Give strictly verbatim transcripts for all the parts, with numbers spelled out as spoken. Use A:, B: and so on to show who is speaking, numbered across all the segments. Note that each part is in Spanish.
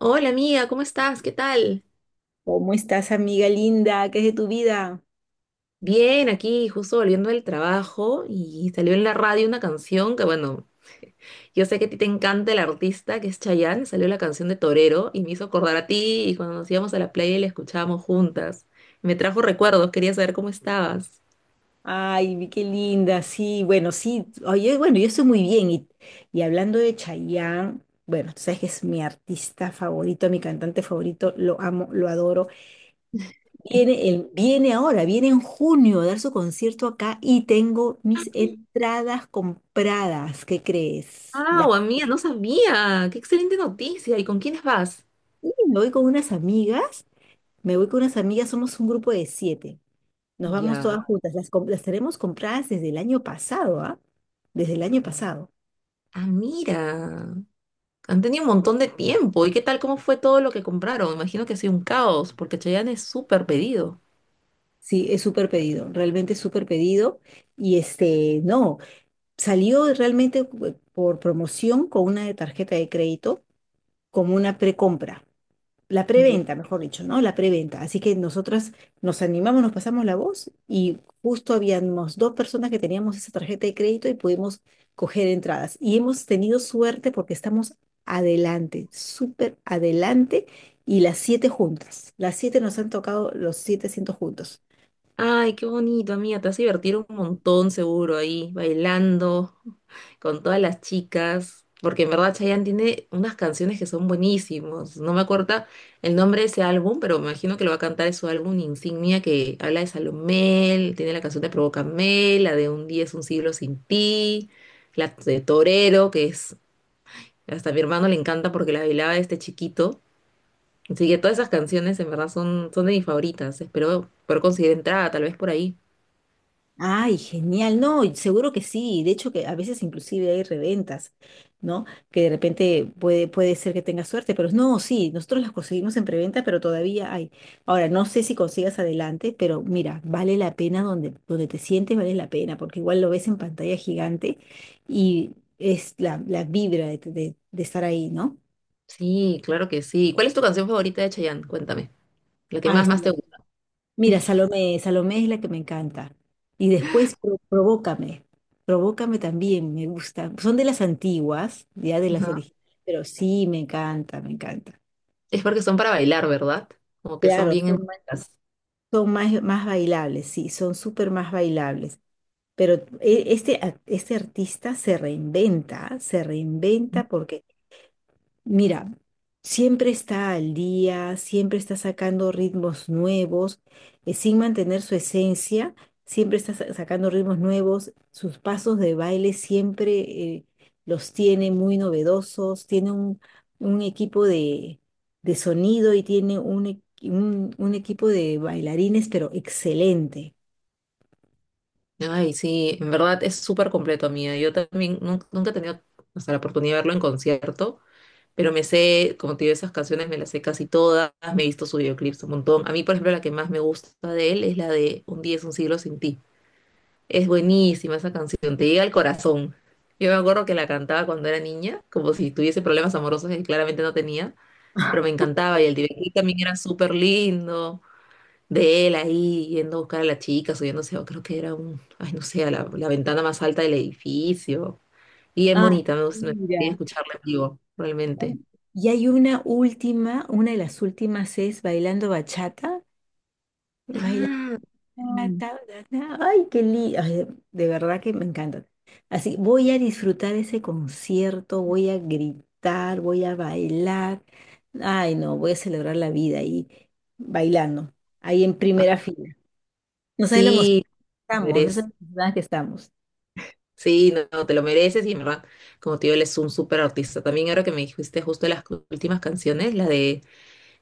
A: Hola amiga, ¿cómo estás? ¿Qué tal?
B: ¿Cómo estás, amiga linda? ¿Qué es de tu vida?
A: Bien, aquí justo volviendo del trabajo y salió en la radio una canción que bueno, yo sé que a ti te encanta el artista que es Chayanne, salió la canción de Torero y me hizo acordar a ti y cuando nos íbamos a la playa y la escuchábamos juntas. Me trajo recuerdos, quería saber cómo estabas.
B: Ay, vi qué linda, sí, bueno, sí, oye, bueno, yo estoy muy bien. Y, y hablando de Chayanne, bueno, tú sabes que es mi artista favorito, mi cantante favorito, lo amo, lo adoro. Viene, el, viene ahora, viene en junio a dar su concierto acá y tengo mis entradas compradas, ¿qué crees?
A: Ah,
B: Las
A: amiga, no sabía. Qué excelente noticia. ¿Y con quiénes vas?
B: Y me voy con unas amigas, me voy con unas amigas, somos un grupo de siete. Nos vamos todas
A: Ya.
B: juntas. Las, com- las tenemos compradas desde el año pasado, ¿ah? Desde el año pasado.
A: Ah, mira. Han tenido un montón de tiempo. ¿Y qué tal? ¿Cómo fue todo lo que compraron? Imagino que ha sido un caos, porque Chayanne es súper pedido.
B: Sí, es súper pedido, realmente es súper pedido. Y este, no, salió realmente eh, por promoción con una tarjeta de crédito como una precompra. La
A: Ya.
B: preventa, mejor dicho, ¿no? La preventa. Así que nosotras nos animamos, nos pasamos la voz y justo habíamos dos personas que teníamos esa tarjeta de crédito y pudimos coger entradas. Y hemos tenido suerte porque estamos adelante, súper adelante, y las siete juntas. Las siete nos han tocado los siete asientos juntos.
A: Ay, qué bonito, amiga. Te vas a divertir un montón seguro ahí, bailando con todas las chicas. Porque en verdad Chayanne tiene unas canciones que son buenísimas. No me acuerdo el nombre de ese álbum, pero me imagino que lo va a cantar en su álbum insignia que habla de Salomé, tiene la canción de Provócame, la de Un día es un siglo sin ti, la de Torero, que es hasta a mi hermano le encanta porque la bailaba este chiquito. Así que todas esas canciones en verdad son, son de mis favoritas. Espero poder conseguir entrada, tal vez por ahí.
B: Ay, genial, no, y seguro que sí, de hecho que a veces inclusive hay reventas, ¿no? Que de repente puede, puede ser que tengas suerte, pero no, sí, nosotros las conseguimos en preventa, pero todavía hay. Ahora, no sé si consigas adelante, pero mira, vale la pena donde, donde, te sientes, vale la pena, porque igual lo ves en pantalla gigante y es la, la vibra de, de de estar ahí, ¿no?
A: Sí, claro que sí. ¿Cuál es tu canción favorita de Chayanne? Cuéntame. La que
B: Ahí
A: más,
B: está.
A: más te gusta.
B: Mira, Salomé, Salomé es la que me encanta. Y después Pro- Provócame. Provócame también, me gusta. Son de las antiguas, ya de las
A: Ajá.
B: originales, pero sí, me encanta, me encanta.
A: Es porque son para bailar, ¿verdad? Como que son
B: Claro,
A: bien
B: son más,
A: emotivas.
B: son más, más bailables, sí, son súper más bailables. Pero e- este, a- este artista se reinventa, se reinventa porque mira, siempre está al día, siempre está sacando ritmos nuevos, eh, sin mantener su esencia, siempre está sa- sacando ritmos nuevos, sus pasos de baile siempre eh, los tiene muy novedosos, tiene un, un equipo de, de sonido y tiene un, e- un un equipo de bailarines, pero excelente.
A: Ay, sí, en verdad es súper completo, amiga. Yo también nun- nunca he tenido hasta la oportunidad de verlo en concierto, pero me sé, como te digo, esas canciones me las sé casi todas, me he visto sus videoclips un montón. A mí, por ejemplo, la que más me gusta de él es la de Un día es un siglo sin ti. Es buenísima esa canción, te llega al corazón. Yo me acuerdo que la cantaba cuando era niña, como si tuviese problemas amorosos que claramente no tenía. Pero me encantaba y el DirecTV también era súper lindo, de él ahí yendo a buscar a la chica, subiéndose, o creo que era un, ay no sé, a la, la ventana más alta del edificio, y es
B: Ah,
A: bonita, me gust- me gustaría
B: mira.
A: escucharla en vivo, realmente.
B: Y hay una última, una de las últimas es Bailando Bachata. Bailando
A: Ah,
B: Ah,
A: mm.
B: ta, ta, ta. Ay, qué lindo. de de verdad que me encanta. Así, voy a disfrutar ese concierto, voy a gritar, voy a bailar. Ay, no, voy a celebrar la vida ahí bailando, ahí en
A: Ah,
B: primera fila. No sabes lo
A: sí,
B: emocionados que
A: te
B: estamos, no
A: mereces.
B: sabes lo emocionadas que estamos.
A: Sí, no, no, te lo mereces y en verdad, como te digo, él es un súper artista. También ahora que me dijiste justo las cu- últimas canciones, la de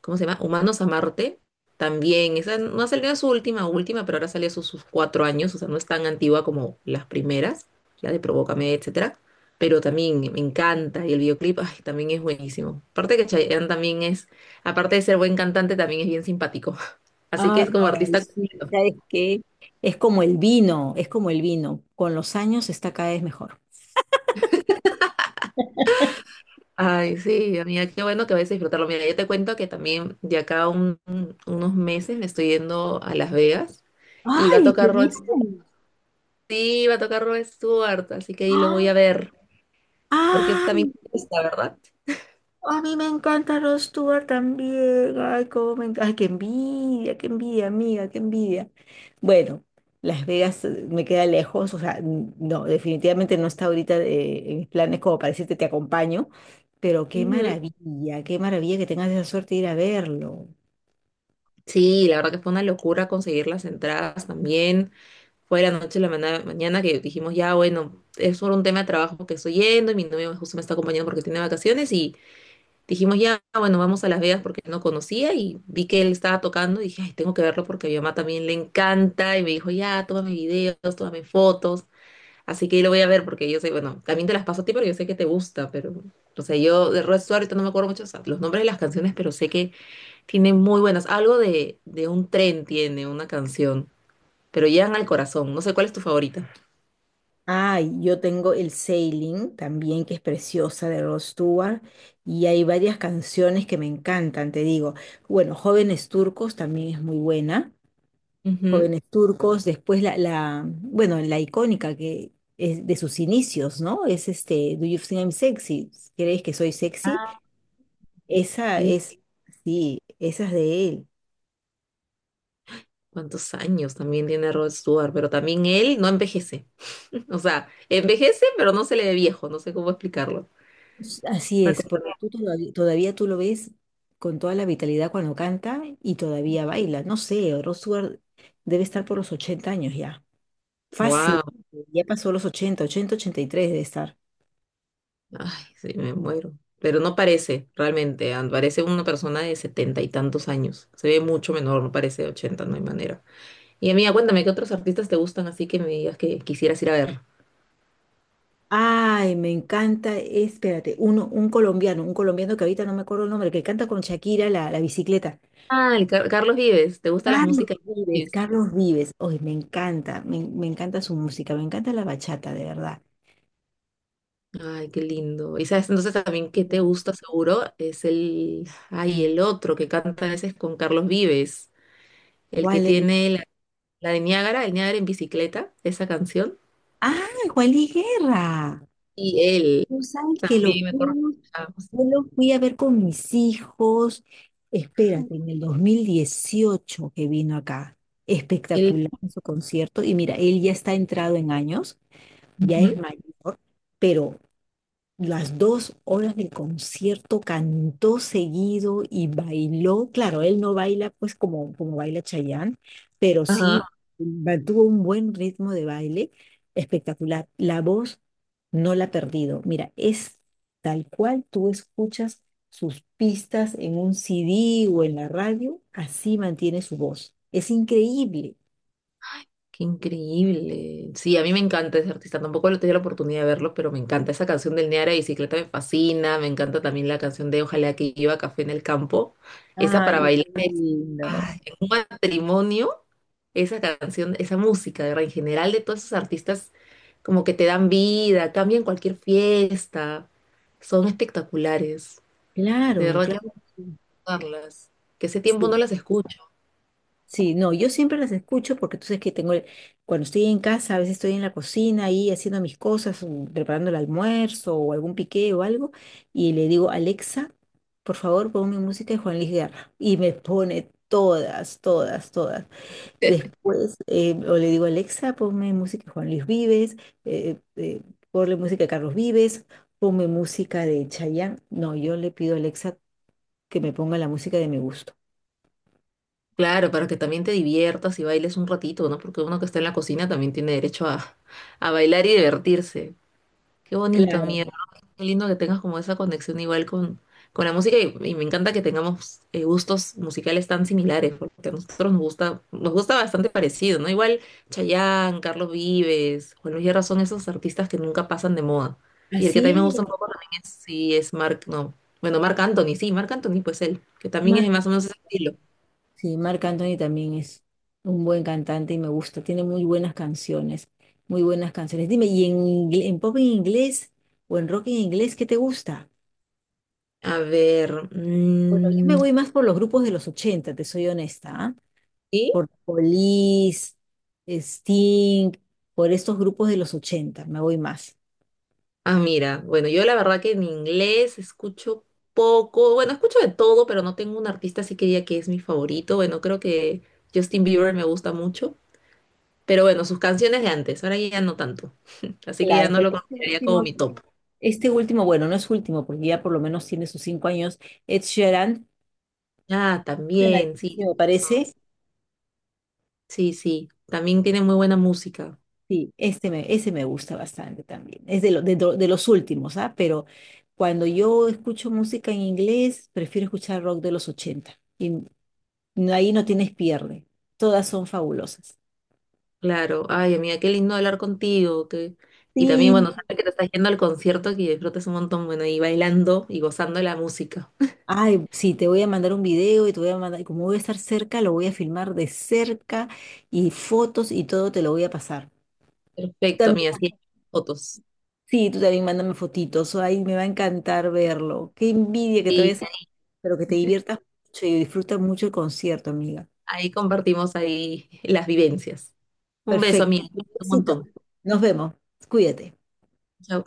A: ¿cómo se llama? Humanos a Marte, también, esa no ha salido su última, última, pero ahora salió sus, sus cuatro años, o sea, no es tan antigua como las primeras, la de Provócame, etcétera, pero también me encanta, y el videoclip, ay, también es buenísimo. Aparte que Chayanne también es, aparte de ser buen cantante, también es bien simpático, así que
B: Ah,
A: es como
B: ay,
A: artista
B: sí,
A: completo.
B: ¿sabes qué? Es como el vino, es como el vino. Con los años está cada vez mejor.
A: Ay, sí, amiga, qué bueno que vayas a disfrutarlo. Mira, yo te cuento que también de acá a un- unos meses me estoy yendo a Las Vegas y va a
B: ¡Ay,
A: tocar Rod.
B: genial!
A: Sí, va a tocar Rod Stewart, así que ahí lo voy
B: ¡Ah!
A: a ver, porque es
B: ¡Ay!
A: también está, ¿verdad?
B: A mí me encanta Rod Stewart también. Ay, cómo me encanta. Ay, qué envidia, qué envidia, amiga, qué envidia. Bueno, Las Vegas eh, me queda lejos, o sea, n- no, definitivamente no está ahorita eh, en mis planes como para decirte te acompaño, pero qué
A: Ujú.
B: maravilla, qué maravilla que tengas esa suerte de ir a verlo.
A: Sí, la verdad que fue una locura conseguir las entradas también. Fue la noche la mana- mañana que dijimos, ya, bueno, es por un tema de trabajo que estoy yendo y mi novio justo me está acompañando porque tiene vacaciones y dijimos, ya, bueno, vamos a Las Vegas porque no conocía y vi que él estaba tocando y dije, ay, tengo que verlo porque a mi mamá también le encanta y me dijo, ya, tómame videos, tómame fotos. Así que ahí lo voy a ver porque yo sé, bueno, también te las paso a ti porque yo sé que te gusta, pero, o sea, yo de Rod Stewart ahorita no me acuerdo mucho, o sea, los nombres de las canciones, pero sé que tiene muy buenas. Algo de, de un tren tiene una canción, pero llegan al corazón. No sé cuál es tu favorita.
B: Ay, yo tengo el Sailing también, que es preciosa de Rod Stewart, y hay varias canciones que me encantan, te digo. Bueno, Jóvenes Turcos también es muy buena.
A: Ujú.
B: Jóvenes Turcos, después la, la bueno, la icónica que es de sus inicios, ¿no? Es este, ¿Do You Think I'm Sexy? ¿Crees que soy sexy?
A: Ah,
B: Esa
A: ¿y
B: es, sí, esa es de él.
A: cuántos años también tiene Rod Stewart? Pero también él no envejece. O sea, envejece, pero no se le ve viejo, no sé cómo explicarlo.
B: Así
A: Una
B: es,
A: cosa
B: porque tú todavía, todavía tú lo ves con toda la vitalidad cuando canta y todavía baila. No sé, Rod Stewart debe estar por los ochenta años ya. Fácil,
A: así.
B: ya pasó los ochenta, ochenta ochenta y tres debe estar.
A: Ay, sí, me muero. Pero no parece, realmente. and- Parece una persona de setenta y tantos años. Se ve mucho menor, no parece de ochenta, no hay manera. Y amiga, cuéntame, ¿qué otros artistas te gustan así que me digas que quisieras ir a ver?
B: Ay, me encanta, espérate, uno, un colombiano, un colombiano que ahorita no me acuerdo el nombre, que canta con Shakira la, la bicicleta.
A: Ah, el Car- Carlos Vives. ¿Te gusta las
B: Carlos
A: músicas de Carlos
B: Vives,
A: Vives?
B: Carlos Vives. Ay, me encanta, me, me encanta su música, me encanta la bachata, de verdad.
A: Ay, qué lindo. Y sabes, entonces también que te gusta seguro es el, ay, el otro que canta a veces con Carlos Vives, el que
B: ¿Cuál es?
A: tiene la, la de Niágara, el Niágara en bicicleta, esa canción.
B: Ah, Juan Luis Guerra.
A: Y él
B: Tú sabes que lo
A: también me acuerdo.
B: fuimos, yo lo fui a ver con mis hijos, espérate, en el dos mil dieciocho que vino acá. Espectacular su concierto. Y mira, él ya está entrado en años, ya es
A: Ujú.
B: mayor, pero las dos horas del concierto cantó seguido y bailó. Claro, él no baila pues como, como baila Chayanne, pero
A: Ajá,
B: sí mantuvo un buen ritmo de baile espectacular. La voz no la ha perdido. Mira, es tal cual tú escuchas sus pistas en un C D o en la radio, así mantiene su voz. Es increíble.
A: qué increíble. Sí, a mí me encanta ese artista. Tampoco he tenido la oportunidad de verlo, pero me encanta. Esa canción del Neara de Bicicleta me fascina. Me encanta también la canción de Ojalá que lleva café en el campo. Esa
B: Ay,
A: para
B: qué
A: bailar es-
B: lindo.
A: Ay, en un matrimonio. Esa canción, esa música, de verdad, en general de todos esos artistas, como que te dan vida, cambian cualquier fiesta. Son espectaculares. De
B: Claro,
A: verdad que
B: claro.
A: hay
B: que
A: que
B: Sí.
A: escucharlas. Que ese tiempo no
B: Sí.
A: las escucho.
B: Sí, no, yo siempre las escucho porque tú sabes que tengo, el- cuando estoy en casa, a veces estoy en la cocina ahí haciendo mis cosas, mm, preparando el almuerzo o algún piqué o algo, y le digo, Alexa, por favor, ponme música de Juan Luis Guerra. Y me pone todas, todas, todas. Después, eh, o le digo, Alexa, ponme música de Juan Luis Vives, eh, eh, ponle música de Carlos Vives, ponme música de Chayanne. No, yo le pido a Alexa que me ponga la música de mi gusto.
A: Claro, para que también te diviertas y bailes un ratito, ¿no? Porque uno que está en la cocina también tiene derecho a, a bailar y divertirse. Qué bonito,
B: Claro,
A: amigo. Qué lindo que tengas como esa conexión igual con, con la música y, y me encanta que tengamos eh, gustos musicales tan similares, porque a nosotros nos gusta, nos gusta bastante parecido, ¿no? Igual Chayanne, Carlos Vives, Juan Luis Guerra son esos artistas que nunca pasan de moda. Y el que también me
B: así
A: gusta
B: es.
A: un poco también es, sí, es Mark, no, bueno, Marc Anthony, sí, Marc Anthony, pues él, que también es de más o menos ese estilo.
B: Sí, Marc Anthony también es un buen cantante y me gusta. Tiene muy buenas canciones, muy buenas canciones. Dime, ¿y en, ingle- en pop en inglés o en rock en inglés qué te gusta?
A: A ver,
B: Bueno, yo me
A: mm,
B: voy más por los grupos de los ochenta, te soy honesta, ¿ah?
A: ¿sí?
B: Por Police, Sting, por estos grupos de los ochenta me voy más.
A: Ah, mira, bueno, yo la verdad que en inglés escucho poco, bueno, escucho de todo, pero no tengo un artista así que diga que es mi favorito. Bueno, creo que Justin Bieber me gusta mucho, pero bueno, sus canciones de antes, ahora ya no tanto, así que
B: Claro,
A: ya no
B: pero
A: lo
B: este
A: consideraría como
B: último,
A: mi top.
B: este último, bueno, no es último, porque ya por lo menos tiene sus cinco años, Ed Sheeran,
A: Ah, también, sí,
B: canadiense,
A: tienes
B: me
A: razón.
B: parece.
A: Sí, sí, también tiene muy buena música.
B: Sí, este me, ese me gusta bastante también. Es de, lo- de, do- de los últimos, ¿ah? Pero cuando yo escucho música en inglés, prefiero escuchar rock de los ochenta. Y n- ahí no tienes pierde. Todas son fabulosas.
A: Claro, ay amiga, qué lindo hablar contigo, que... Y también
B: Sí.
A: bueno, sabes que te estás yendo al concierto, que disfrutes un montón, bueno, y bailando y gozando de la música.
B: Ay, sí, te voy a mandar un video y te voy a mandar, y como voy a estar cerca, lo voy a filmar de cerca y fotos y todo te lo voy a pasar. Tú
A: Perfecto,
B: también-
A: amiga, sí, fotos.
B: sí, tú también mándame fotitos. Ay, me va a encantar verlo. Qué envidia que te
A: Y
B: vayas a... Pero que te diviertas mucho y disfrutas mucho el concierto, amiga.
A: ahí compartimos ahí las vivencias. Un beso,
B: Perfecto.
A: amiga, un
B: Besito.
A: montón.
B: Nos vemos. Cuídate.
A: Chao.